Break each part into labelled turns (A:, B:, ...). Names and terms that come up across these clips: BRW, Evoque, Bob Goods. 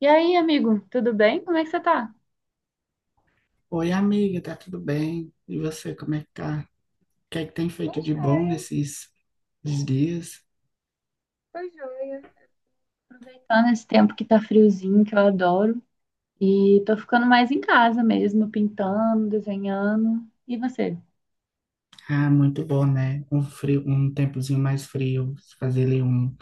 A: E aí, amigo, tudo bem? Como é que você tá?
B: Oi, amiga, tá tudo bem? E você, como é que tá? O que é que tem feito de
A: Poxa,
B: bom nesses esses dias?
A: foi joia. Aproveitando esse tempo que tá friozinho, que eu adoro. E tô ficando mais em casa mesmo, pintando, desenhando. E você?
B: Ah, muito bom, né? Um frio, um tempozinho mais frio, fazer ali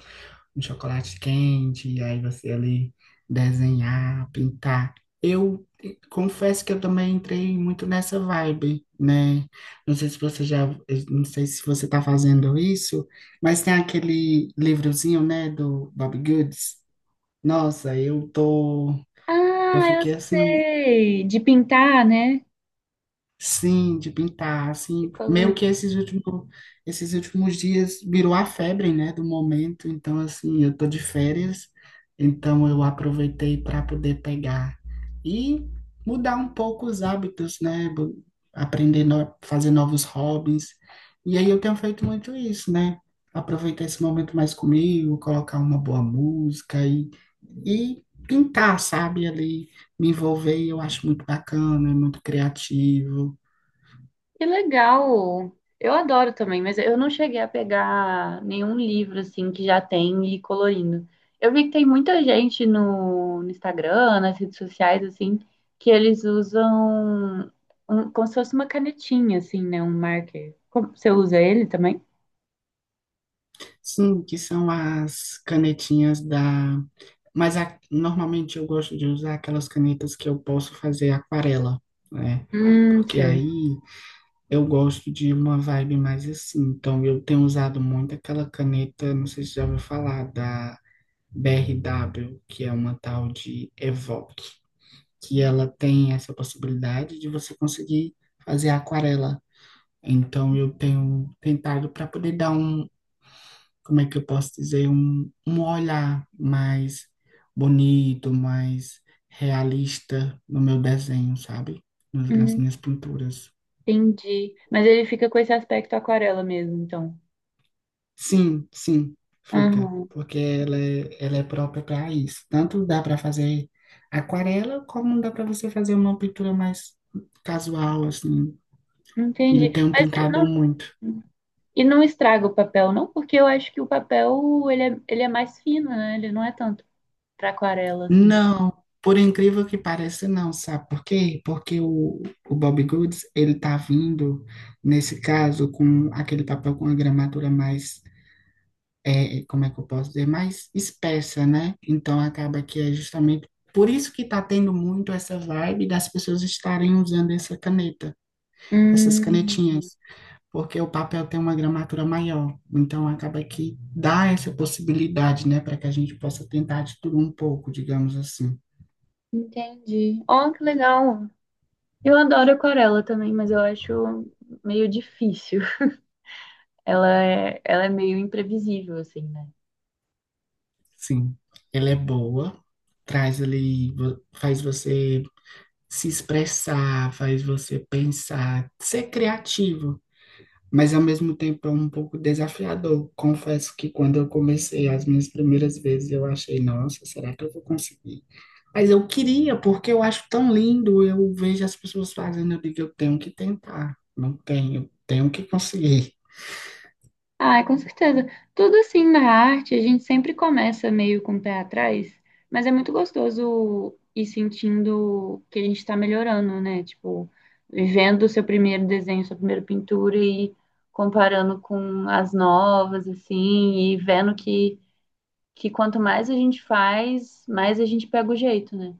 B: um chocolate quente, e aí você ali desenhar, pintar. Eu confesso que eu também entrei muito nessa vibe, né? Não sei se você já, não sei se você tá fazendo isso, mas tem aquele livrozinho, né, do Bob Goods. Nossa, eu tô. Eu
A: Ah, eu
B: fiquei assim,
A: sei. De pintar, né?
B: sim, de pintar,
A: De
B: assim, meio que
A: colorir.
B: esses últimos dias virou a febre, né, do momento. Então, assim, eu tô de férias, então eu aproveitei para poder pegar e mudar um pouco os hábitos, né, aprender no, fazer novos hobbies. E aí eu tenho feito muito isso, né? Aproveitar esse momento mais comigo, colocar uma boa música e pintar, sabe, ali me envolver, e eu acho muito bacana, é muito criativo.
A: Que legal! Eu adoro também, mas eu não cheguei a pegar nenhum livro assim que já tem e colorindo. Eu vi que tem muita gente no Instagram, nas redes sociais, assim, que eles usam um- como se fosse uma canetinha, assim, né? Um marker. Como- Você usa ele também?
B: Sim, que são as canetinhas da. Mas normalmente eu gosto de usar aquelas canetas que eu posso fazer aquarela, né? Porque
A: Sei.
B: aí eu gosto de uma vibe mais assim. Então eu tenho usado muito aquela caneta, não sei se já ouviu falar, da BRW, que é uma tal de Evoque, que ela tem essa possibilidade de você conseguir fazer aquarela. Então eu tenho tentado para poder dar um, como é que eu posso dizer, um olhar mais bonito, mais realista no meu desenho, sabe? Nas
A: Hum,
B: minhas pinturas.
A: entendi. Mas ele fica com esse aspecto aquarela mesmo, então.
B: Sim, sim, fica,
A: Aham,
B: porque ela é própria para isso. Tanto dá para fazer aquarela, como dá para você fazer uma pintura mais casual, assim. E
A: entendi.
B: eu tenho
A: Mas
B: tentado
A: não.
B: muito.
A: E não estraga o papel, não, porque eu acho que o papel ele é mais fino, né? Ele não é tanto para aquarela, assim.
B: Não, por incrível que pareça, não, sabe por quê? Porque o Bob Goods, ele tá vindo, nesse caso, com aquele papel com a gramatura mais, é, como é que eu posso dizer, mais espessa, né? Então acaba que é justamente por isso que tá tendo muito essa vibe das pessoas estarem usando essa caneta, essas
A: Hum,
B: canetinhas, porque o papel tem uma gramatura maior, então acaba que dá essa possibilidade, né, para que a gente possa tentar de tudo um pouco, digamos assim.
A: entendi. Oh, que legal. Eu adoro aquarela também, mas eu acho meio difícil. Ela é meio imprevisível, assim, né?
B: Sim, ela é boa, traz ali, faz você se expressar, faz você pensar, ser criativo, mas ao mesmo tempo é um pouco desafiador. Confesso que quando eu comecei as minhas primeiras vezes, eu achei, nossa, será que eu vou conseguir? Mas eu queria, porque eu acho tão lindo, eu vejo as pessoas fazendo, eu digo, eu tenho que tentar, não tenho, tenho que conseguir.
A: Ah, com certeza. Tudo assim na arte, a gente sempre começa meio com o pé atrás, mas é muito gostoso ir sentindo que a gente está melhorando, né? Tipo, vendo o seu primeiro desenho, sua primeira pintura e comparando com as novas, assim, e vendo que quanto mais a gente faz, mais a gente pega o jeito, né?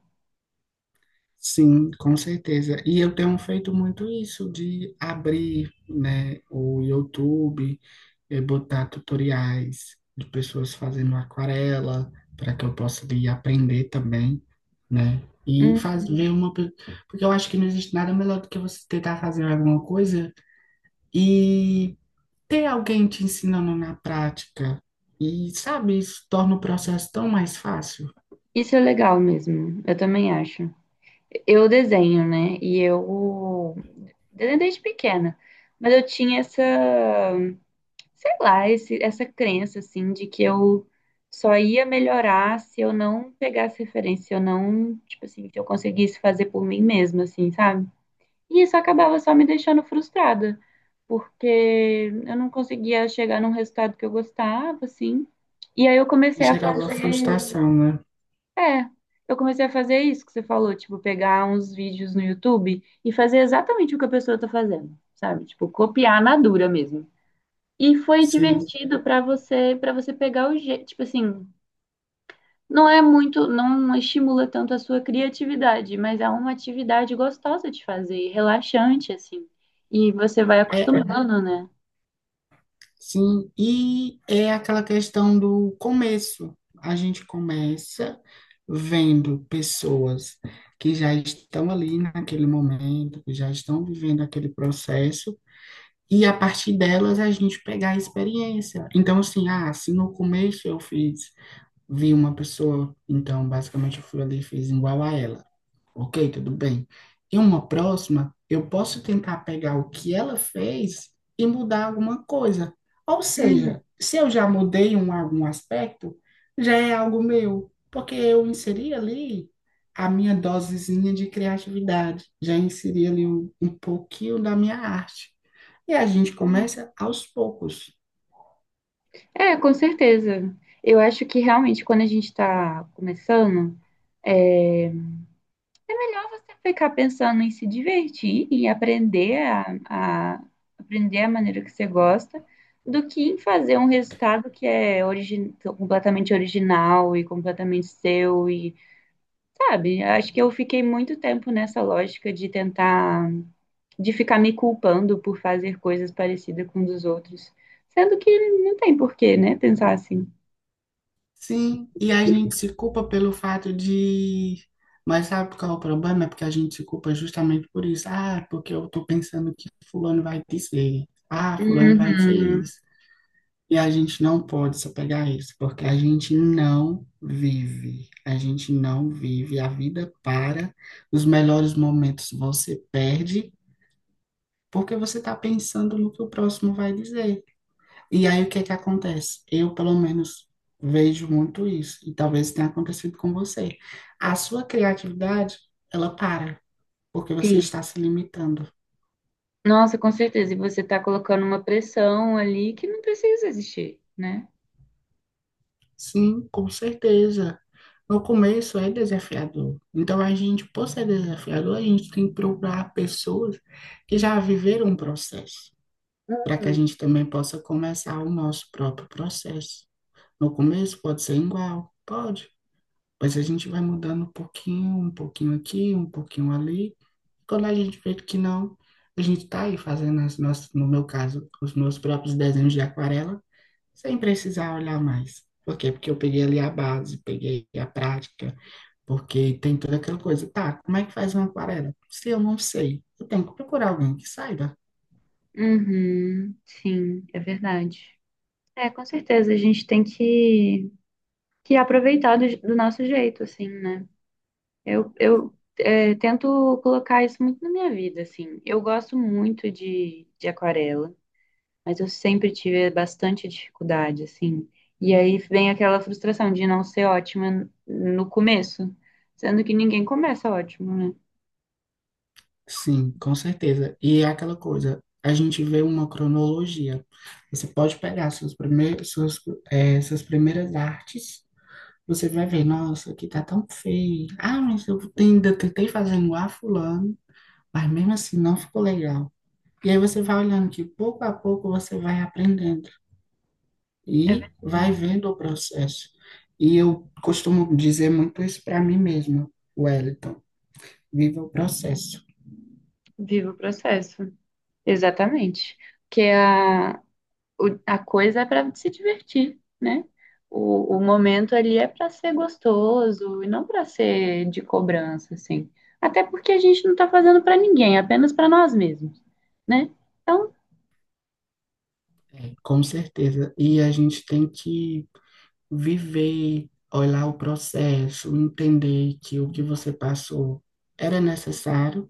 B: Sim, com certeza. E eu tenho feito muito isso de abrir, né, o YouTube e botar tutoriais de pessoas fazendo aquarela para que eu possa ir aprender também, né? E faz,
A: Hum,
B: porque eu acho que não existe nada melhor do que você tentar fazer alguma coisa e ter alguém te ensinando na prática. E sabe, isso torna o processo tão mais fácil.
A: isso é legal mesmo, eu também acho. Eu desenho, né? E eu desenho desde pequena. Mas eu tinha essa, sei lá, esse- essa crença, assim, de que eu só ia melhorar se eu não pegasse referência, se eu não, tipo assim, se eu conseguisse fazer por mim mesma, assim, sabe? E isso acabava só me deixando frustrada, porque eu não conseguia chegar num resultado que eu gostava, assim. E aí eu
B: E
A: comecei a
B: gerava
A: fazer.
B: frustração, né?
A: É, eu comecei a fazer isso que você falou, tipo, pegar uns vídeos no YouTube e fazer exatamente o que a pessoa tá fazendo, sabe? Tipo, copiar na dura mesmo. E foi
B: Sim.
A: divertido pra você, para você pegar o jeito, tipo assim, não é muito, não estimula tanto a sua criatividade, mas é uma atividade gostosa de fazer, relaxante assim. E você vai
B: É.
A: acostumando, né?
B: Sim, e é aquela questão do começo. A gente começa vendo pessoas que já estão ali naquele momento, que já estão vivendo aquele processo, e a partir delas a gente pegar a experiência. Então, assim, ah, se no começo eu fiz, vi uma pessoa, então basicamente eu fui ali e fiz igual a ela. Ok, tudo bem. Em uma próxima, eu posso tentar pegar o que ela fez e mudar alguma coisa. Ou seja, se eu já algum aspecto, já é algo meu, porque eu inseri ali a minha dosezinha de criatividade, já inseri ali um pouquinho da minha arte. E a gente
A: Uhum.
B: começa aos poucos.
A: É, com certeza. Eu acho que realmente quando a gente está começando, é melhor você ficar pensando em se divertir e aprender a- aprender a maneira que você gosta do que em fazer um resultado que é origi- completamente original e completamente seu e, sabe? Acho que eu fiquei muito tempo nessa lógica de tentar, de ficar me culpando por fazer coisas parecidas com os dos outros, sendo que não tem porquê, né? Pensar assim.
B: Sim, e a gente se culpa pelo fato de. Mas sabe qual é o problema? É porque a gente se culpa justamente por isso. Ah, porque eu tô pensando que fulano vai dizer. Ah, fulano vai dizer
A: Uhum.
B: isso. E a gente não pode se apegar a isso, porque a gente não vive. A gente não vive. A vida para. Os melhores momentos você perde porque você está pensando no que o próximo vai dizer. E aí o que é que acontece? Eu, pelo menos, vejo muito isso, e talvez tenha acontecido com você. A sua criatividade, ela para, porque você
A: Sim.
B: está se limitando.
A: Nossa, com certeza. E você está colocando uma pressão ali que não precisa existir, né?
B: Sim, com certeza. No começo é desafiador. Então a gente, por ser desafiador, a gente tem que procurar pessoas que já viveram um processo, para que a
A: Uhum.
B: gente também possa começar o nosso próprio processo. No começo pode ser igual, pode. Mas a gente vai mudando um pouquinho aqui, um pouquinho ali. Quando a gente vê que não, a gente está aí fazendo as nossas, no meu caso, os meus próprios desenhos de aquarela, sem precisar olhar mais. Por quê? Porque eu peguei ali a base, peguei a prática, porque tem toda aquela coisa. Tá, como é que faz uma aquarela? Se eu não sei, eu tenho que procurar alguém que saiba.
A: Uhum, sim, é verdade. É, com certeza, a gente tem que aproveitar do nosso jeito, assim, né? Eu é, tento colocar isso muito na minha vida, assim. Eu gosto muito de aquarela, mas eu sempre tive bastante dificuldade, assim. E aí vem aquela frustração de não ser ótima no começo, sendo que ninguém começa ótimo, né?
B: Sim, com certeza. E é aquela coisa, a gente vê uma cronologia. Você pode pegar suas primeiras artes, você vai ver, nossa, aqui tá tão feio. Ah, mas ainda tentei fazer igual a fulano, mas mesmo assim não ficou legal. E aí você vai olhando que pouco a pouco você vai aprendendo
A: É
B: e vai
A: verdade.
B: vendo o processo. E eu costumo dizer muito isso para mim mesmo, Wellington. Viva o processo.
A: Viva o processo. Exatamente. Porque a, o- a coisa é para se divertir, né? O momento ali é para ser gostoso e não para ser de cobrança, assim. Até porque a gente não tá fazendo para ninguém, apenas para nós mesmos, né? Então,
B: Com certeza. E a gente tem que viver, olhar o processo, entender que o que você passou era necessário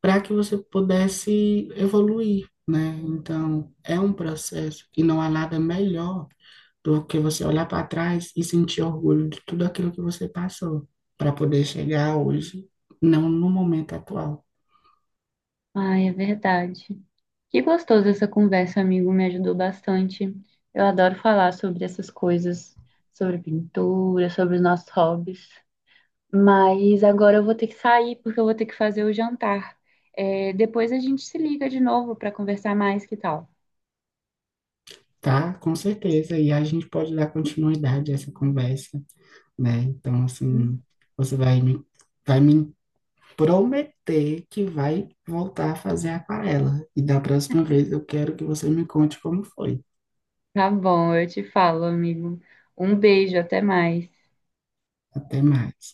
B: para que você pudesse evoluir, né? Então, é um processo e não há nada melhor do que você olhar para trás e sentir orgulho de tudo aquilo que você passou para poder chegar hoje, não no momento atual.
A: ai, é verdade. Que gostoso essa conversa, amigo, me ajudou bastante. Eu adoro falar sobre essas coisas, sobre pintura, sobre os nossos hobbies. Mas agora eu vou ter que sair porque eu vou ter que fazer o jantar. É, depois a gente se liga de novo para conversar mais, que tal?
B: Tá, com certeza. E a gente pode dar continuidade a essa conversa, né? Então, assim, você vai me prometer que vai voltar a fazer aquarela. E da próxima vez eu quero que você me conte como foi.
A: Tá bom, eu te falo, amigo. Um beijo, até mais.
B: Até mais.